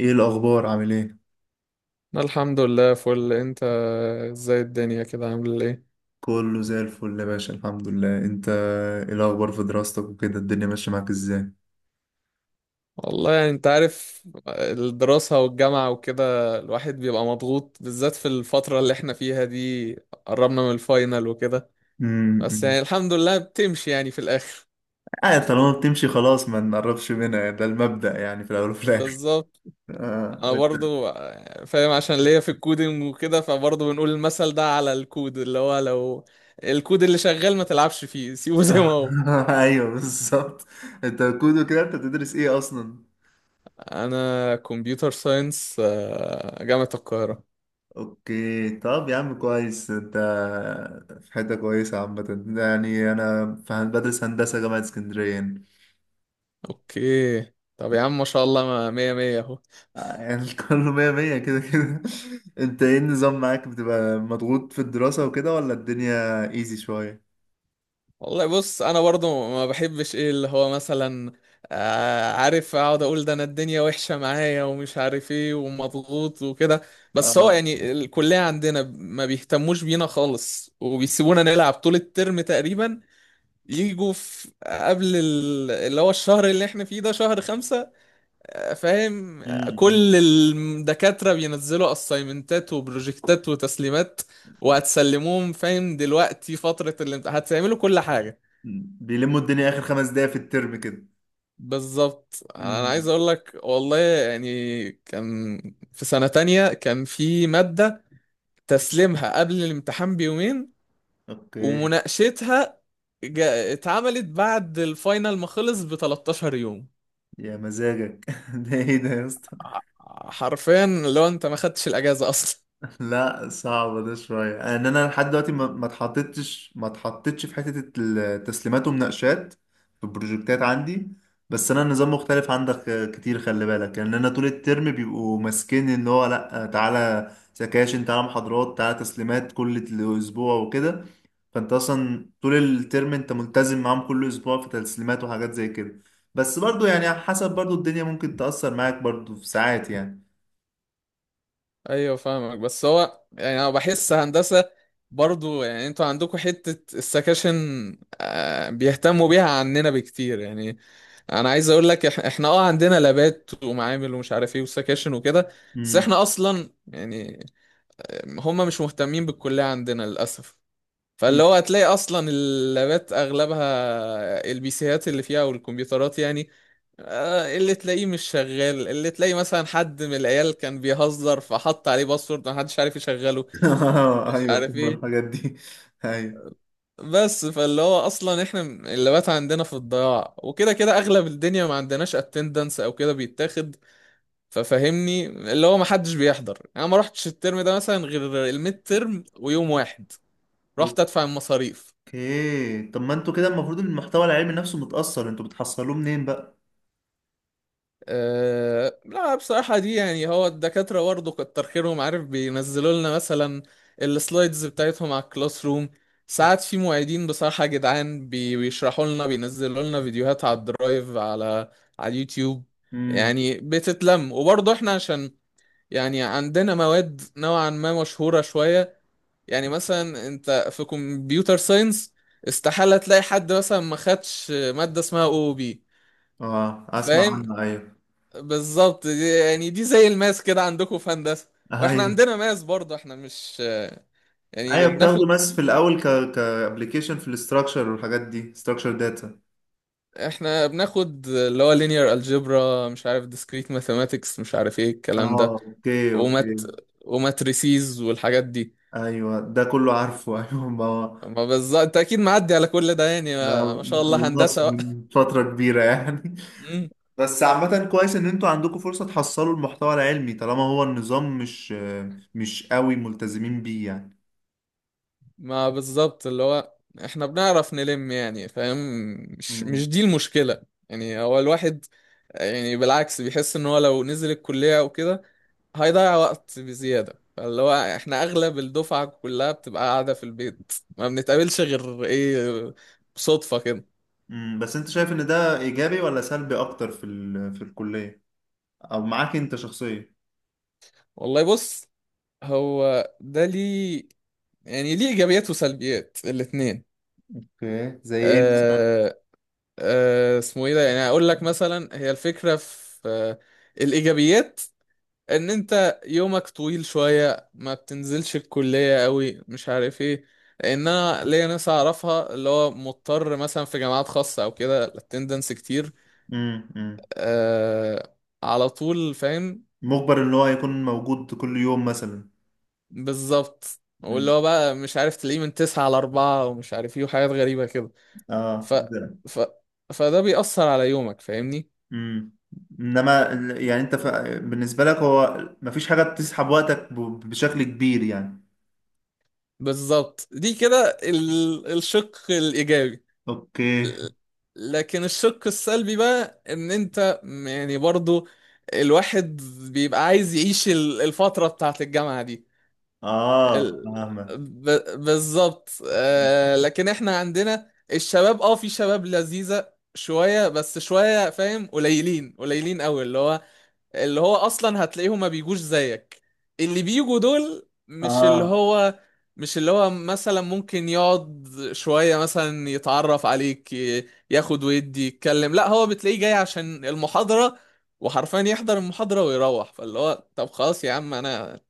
ايه الاخبار، عامل ايه؟ الحمد لله فل، انت؟ ازاي الدنيا كده، عامل ايه؟ كله زي الفل يا باشا، الحمد لله. انت ايه الاخبار في دراستك وكده؟ الدنيا ماشيه معاك ازاي؟ والله يعني انت عارف الدراسة والجامعة وكده، الواحد بيبقى مضغوط بالذات في الفترة اللي احنا فيها دي، قربنا من الفاينل وكده. بس امم. يعني الحمد لله بتمشي يعني في الاخر. اه، طالما بتمشي خلاص ما نقربش منها، ده المبدأ يعني في الاول وفي الاخر. بالظبط. آه. طب انا برضو فاهم عشان ليا في الكودينج وكده، فبرضو بنقول المثل ده على الكود، اللي هو لو الكود اللي شغال ما تلعبش فيه، سيبه زي ما هو. ايوه بالظبط. انت كودو كده، انت بتدرس ايه اصلا؟ انا كمبيوتر ساينس، جامعة القاهرة. اوكي، طب يا عم كويس. انت في حته كويسه عامه يعني. انا بدرس هندسه جامعه اسكندريه. اوكي طب يا عم، ما شاء الله، ما مية مية اهو. آه، يعني كله مية مية كده كده. انت ايه النظام معاك؟ بتبقى مضغوط في الدراسة وكده ولا الدنيا ايزي شوية؟ والله بص، انا برضو ما بحبش ايه اللي هو مثلا، عارف اقعد اقول ده انا الدنيا وحشة معايا ومش عارف ايه ومضغوط وكده. بس هو اه. يعني الكلية عندنا ما بيهتموش بينا خالص، وبيسيبونا نلعب طول الترم تقريبا. يجوا في قبل اللي هو الشهر اللي احنا فيه ده شهر خمسة، فاهم. امم. كل الدكاترة بينزلوا اسايمنتات وبروجكتات وتسليمات، وهتسلموهم فاهم دلوقتي فترة الامتحان هتعملوا كل حاجة. أمم. بيلموا الدنيا اخر خمس دقايق في الترم كده. بالظبط انا عايز امم. اقول لك، والله يعني كان في سنة تانية كان في مادة، تسليمها قبل الامتحان بيومين، اوكي. ومناقشتها اتعملت بعد الفاينل ما خلص ب 13 يوم. يا مزاجك، ده ايه ده يا اسطى؟ ع- حرفيا لو انت ما خدتش الاجازة اصلا. لا، صعب ده شوية. ان انا لحد دلوقتي ما اتحطتش ما اتحطتش في حتة التسليمات ومناقشات في البروجكتات عندي. بس انا النظام مختلف عندك كتير، خلي بالك. يعني انا طول الترم بيبقوا ماسكين ان هو لا، تعالى سكاشن، تعالى محاضرات، تعالى تسليمات كل اسبوع وكده. فانت اصلا طول الترم انت ملتزم معاهم كل اسبوع في تسليمات وحاجات زي كده. بس برضو، يعني حسب برضو، الدنيا ممكن تأثر معاك برضو في ساعات يعني. ايوه فاهمك، بس هو يعني انا بحس هندسه برضو، يعني انتوا عندكم حته السكاشن، بيهتموا بيها عننا بكتير يعني. انا عايز اقول لك، احنا عندنا لابات ومعامل ومش عارف ايه وسكاشن وكده. بس امم. احنا اصلا يعني هم مش مهتمين بالكليه عندنا للاسف. فاللي هو هتلاقي اصلا اللابات اغلبها، البي سيات اللي فيها والكمبيوترات يعني، اللي تلاقيه مش شغال، اللي تلاقيه مثلا حد من العيال كان بيهزر فحط عليه باسورد محدش عارف يشغله، آه، مش ايوه عارف فاهم ايه. الحاجات دي. ايوه. بس فاللي هو اصلا احنا اللابات عندنا في الضياع، وكده كده اغلب الدنيا ما عندناش اتندنس او كده بيتاخد. ففهمني اللي هو محدش بيحضر، انا ما رحتش الترم ده مثلا غير الميد ترم ويوم واحد رحت ادفع المصاريف. اوكي، طب ما انتوا كده المفروض إن المحتوى العلمي نفسه متأثر، انتوا بتحصلوه منين بقى؟ لا بصراحة دي يعني هو الدكاترة برضه كتر خيرهم عارف بينزلوا لنا مثلا السلايدز بتاعتهم على الكلاس روم. ساعات في معيدين بصراحة جدعان، بيشرحوا لنا، بينزلوا لنا فيديوهات على الدرايف، على اليوتيوب. امم. يعني بتتلم. وبرضه احنا عشان يعني عندنا مواد نوعا ما مشهورة شوية، يعني مثلا انت في كمبيوتر ساينس استحالة تلاقي حد مثلا ما خدش مادة اسمها او بي، اه، اسمع فاهم. عنه، ايوه. بالظبط دي يعني دي زي الماس كده عندكم في هندسة. واحنا ايوه. عندنا ماس برضه، احنا مش يعني ايوه بناخد، بتاخده، بس في الاول ك كابلكيشن في الاستراكشر والحاجات دي، استراكشر داتا. احنا بناخد اللي هو linear algebra مش عارف discrete mathematics مش عارف ايه الكلام ده، اه اوكي اوكي. ومات وماتريسيز والحاجات دي. ايوه ده كله عارفه، ايوه ما. ما بالظبط انت اكيد معدي على كل ده يعني، ما- ما شاء ما الله خلص هندسة بقى. من فترة كبيرة يعني. مم. بس عامة كويس ان انتوا عندكم فرصة تحصلوا المحتوى العلمي طالما هو النظام مش قوي ملتزمين بيه يعني. ما بالظبط اللي هو احنا بنعرف نلم يعني فاهم، مش مم. مش دي المشكلة. يعني هو الواحد، يعني بالعكس بيحس ان هو لو نزل الكلية او كده هيضيع وقت بزيادة، فاللي هو احنا اغلب الدفعة كلها بتبقى قاعدة في البيت، ما بنتقابلش غير ايه، صدفة كده. مم. بس انت شايف ان ده ايجابي ولا سلبي اكتر في الكلية، او معاك انت شخصيا؟ والله بص، هو ده ليه، يعني ليه ايجابيات وسلبيات الاتنين. اوكي، زي ايه مثلا؟ أه أه اسمه ايه ده، يعني اقول لك مثلا هي الفكرة في الايجابيات، ان انت يومك طويل شوية ما بتنزلش الكلية قوي مش عارف ايه. لان انا ليا ناس اعرفها اللي هو مضطر مثلا في جامعات خاصة او كده الاتندنس كتير، مم. مم. آه على طول فاهم. مجبر ان هو يكون موجود كل يوم مثلا. بالظبط واللي مم. هو بقى مش عارف تلاقيه من تسعة على أربعة ومش عارف ايه وحاجات غريبة كده. اه ف... ده. ف... فده بيأثر على يومك فاهمني. مم. انما يعني بالنسبة لك، هو مفيش حاجة بتسحب وقتك بشكل كبير يعني. بالظبط دي كده الشق الإيجابي. اوكي. لكن الشق السلبي بقى، ان انت يعني برضو الواحد بيبقى عايز يعيش الفترة بتاعت الجامعة دي. اه ال- فاهمك. بالظبط، لكن احنا عندنا الشباب، في شباب لذيذة شوية بس شوية فاهم، قليلين قليلين قوي اللي هو اصلا هتلاقيهم ما بيجوش زيك. اللي بيجوا دول اه مش اللي هو مثلا ممكن يقعد شوية مثلا يتعرف عليك، ياخد ويدي يتكلم، لا هو بتلاقيه جاي عشان المحاضرة وحرفيا يحضر المحاضرة ويروح. فاللي هو طب خلاص يا عم، انا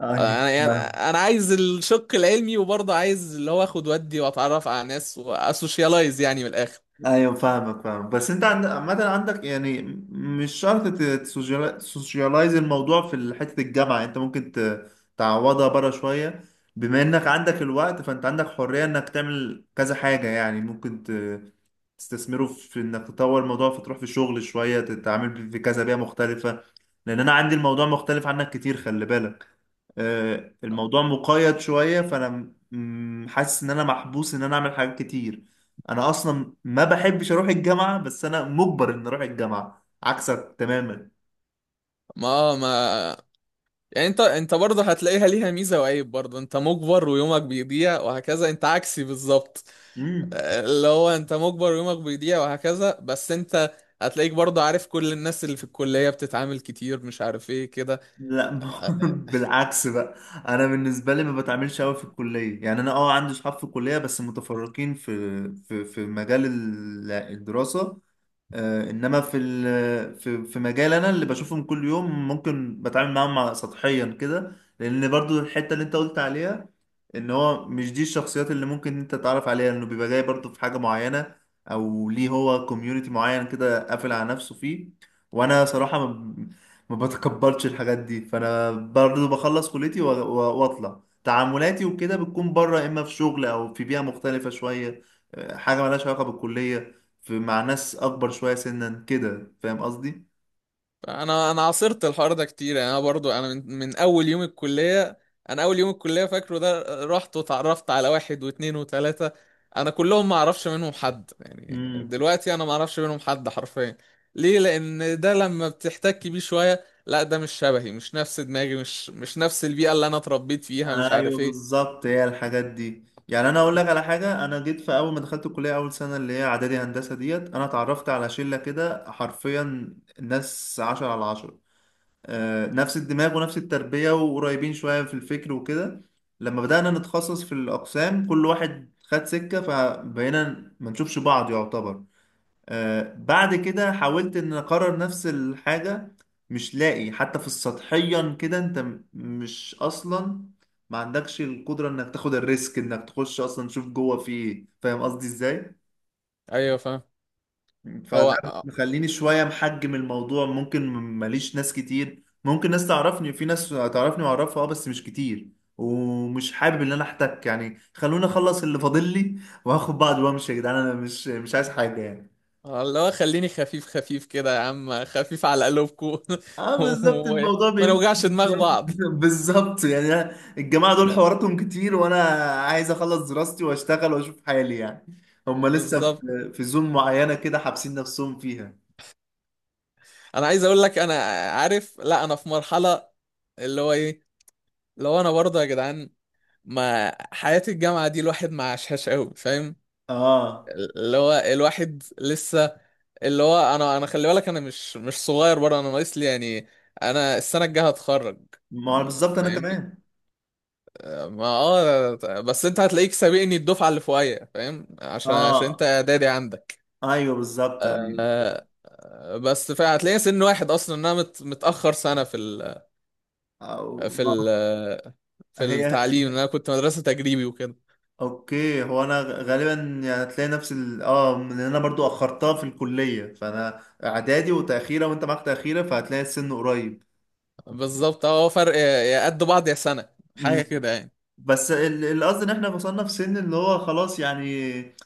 ايوه انا يعني فاهم. انا عايز الشق العلمي وبرضه عايز اللي هو اخد ودي واتعرف على ناس واسوشيالايز يعني من الاخر. ايوه فاهمك، فاهم. بس انت عامة عندك يعني، مش شرط تسوشيالايز الموضوع في حتة الجامعة. انت ممكن تعوضها بره شوية. بما انك عندك الوقت، فانت عندك حرية انك تعمل كذا حاجة. يعني ممكن تستثمره في انك تطور الموضوع، فتروح في شغل شوية، تتعامل في كذا بيئة مختلفة. لان انا عندي الموضوع مختلف عنك كتير، خلي بالك. آه، الموضوع مقيد شوية، فأنا حاسس إن أنا محبوس، إن أنا أعمل حاجات كتير. أنا أصلا ما بحبش أروح الجامعة، بس أنا مجبر إن أروح الجامعة، عكسك تماما. ما ما يعني انت برضه هتلاقيها ليها ميزه وعيب، برضه انت مجبر ويومك بيضيع وهكذا، انت عكسي بالظبط. امم. اللي هو انت مجبر ويومك بيضيع وهكذا، بس انت هتلاقيك برضه عارف كل الناس اللي في الكليه بتتعامل كتير مش عارف ايه كده. لا، بالعكس بقى. أنا بالنسبة لي ما بتعاملش أوي في الكلية يعني. أنا أه عندي صحاب في الكلية، بس متفرقين في مجال الدراسة. آه، انما في مجال انا، اللي بشوفهم كل يوم، ممكن بتعامل معاهم سطحيا كده. لان برضو الحته اللي انت قلت عليها، ان هو مش دي الشخصيات اللي ممكن انت تتعرف عليها، لانه بيبقى جاي برضو في حاجه معينه، او ليه هو كوميونتي معين كده قافل على نفسه فيه. وانا صراحه ما بتقبلش الحاجات دي. فانا برضو بخلص كليتي و واطلع تعاملاتي، وكده بتكون بره، اما في شغل او في بيئه مختلفه شويه. آه، حاجه ملهاش علاقه بالكليه، في مع ناس اكبر شويه سنا كده، فاهم قصدي؟ انا عاصرت الحوار ده كتير يعني، انا برضو انا من اول يوم الكليه. انا اول يوم الكليه فاكره ده رحت وتعرفت على واحد واثنين وثلاثه. انا كلهم ما اعرفش منهم حد يعني، امم. دلوقتي انا ما اعرفش منهم حد حرفيا. ليه؟ لان ده لما بتحتك بيه شويه لا ده مش شبهي مش نفس دماغي مش نفس البيئه اللي انا اتربيت فيها مش ايوه عارف ايه. بالظبط، هي الحاجات دي. يعني انا اقول لك على حاجه: انا جيت في اول ما دخلت الكليه، اول سنه اللي هي اعدادي هندسه، ديت انا اتعرفت على شله كده حرفيا، ناس عشرة على عشرة. آه، نفس الدماغ ونفس التربيه، وقريبين شويه في الفكر وكده. لما بدانا نتخصص في الاقسام، كل واحد خد سكه، فبقينا ما نشوفش بعض يعتبر. آه، بعد كده حاولت ان اكرر نفس الحاجة، مش لاقي حتى في السطحيا كده. انت مش اصلا، ما عندكش القدرة انك تاخد الريسك انك تخش اصلا تشوف جوه في ايه، فاهم قصدي ازاي؟ ايوه فاهم. فده هو مخليني شوية محجم الموضوع، ممكن ماليش ناس كتير، ممكن ناس تعرفني، في ناس تعرفني واعرفها اه، بس مش كتير. ومش حابب ان انا احتك يعني. خلوني اخلص اللي فاضل لي، واخد بعض وامشي يا جدعان، انا مش عايز حاجة يعني. اللي هو خليني خفيف خفيف كده يا عم، خفيف على قلوبكم اه بالظبط، الموضوع وما بيمشي. نوجعش دماغ بعض. بالظبط يعني الجماعه دول حواراتهم كتير، وانا عايز اخلص دراستي واشتغل واشوف حالي يعني. هم لسه بالظبط، في زون معينه كده، حابسين نفسهم فيها. انا عايز اقول لك، انا عارف لا انا في مرحله اللي هو ايه، لو انا برضه يا جدعان، ما حياه الجامعه دي الواحد ما عاشهاش قوي فاهم. اه اللي هو الواحد لسه، اللي هو انا خلي بالك انا مش صغير برضه، انا ناقص لي يعني، انا السنه الجايه هتخرج ما هو بالظبط، انا فاهمني. كمان. ما بس انت هتلاقيك سابقني الدفعه اللي فوقيا فاهم، عشان انت اه اعدادي عندك. ايوه بالظبط ايوه. آه، بس فهتلاقي سن واحد اصلا، إن انا متاخر سنه أو... في ال في هي. التعليم، ان انا كنت مدرسة تجريبي وكده. اوكي، هو انا غالبا يعني هتلاقي نفس اه، لان انا برضو اخرتها في الكليه، فانا اعدادي وتاخيره، وانت معاك تاخيره، فهتلاقي السن قريب. بالظبط، هو فرق يا قد بعض يا سنة حاجة كده يعني. بس القصد ان احنا وصلنا في سن اللي هو خلاص يعني،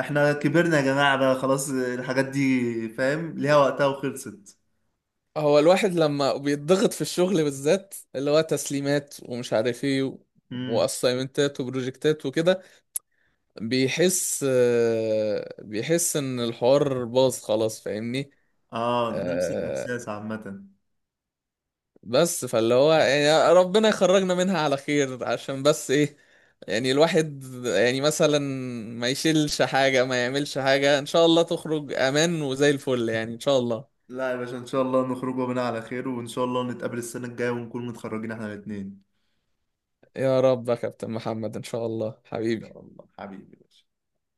احنا كبرنا يا جماعة بقى، خلاص الحاجات دي فاهم ليها وقتها وخلصت. هو الواحد لما بيتضغط في الشغل بالذات اللي هو تسليمات ومش عارف ايه امم. واسايمنتات وبروجكتات وكده، بيحس ان الحوار باظ خلاص فاهمني. اه نفس آه، الاحساس عامة. بس فاللي هو يعني ربنا يخرجنا منها على خير، عشان بس ايه، يعني الواحد يعني مثلا ما يشيلش حاجة ما يعملش حاجة، ان شاء الله تخرج امان وزي الفل يعني ان شاء الله. لا يا باشا، ان شاء الله نخرج منها على خير، وان شاء الله نتقابل السنة الجاية ونكون متخرجين احنا الاتنين. يا رب يا كابتن محمد، ان شاء الله إن حبيبي. شاء الله حبيبي، يا باشا.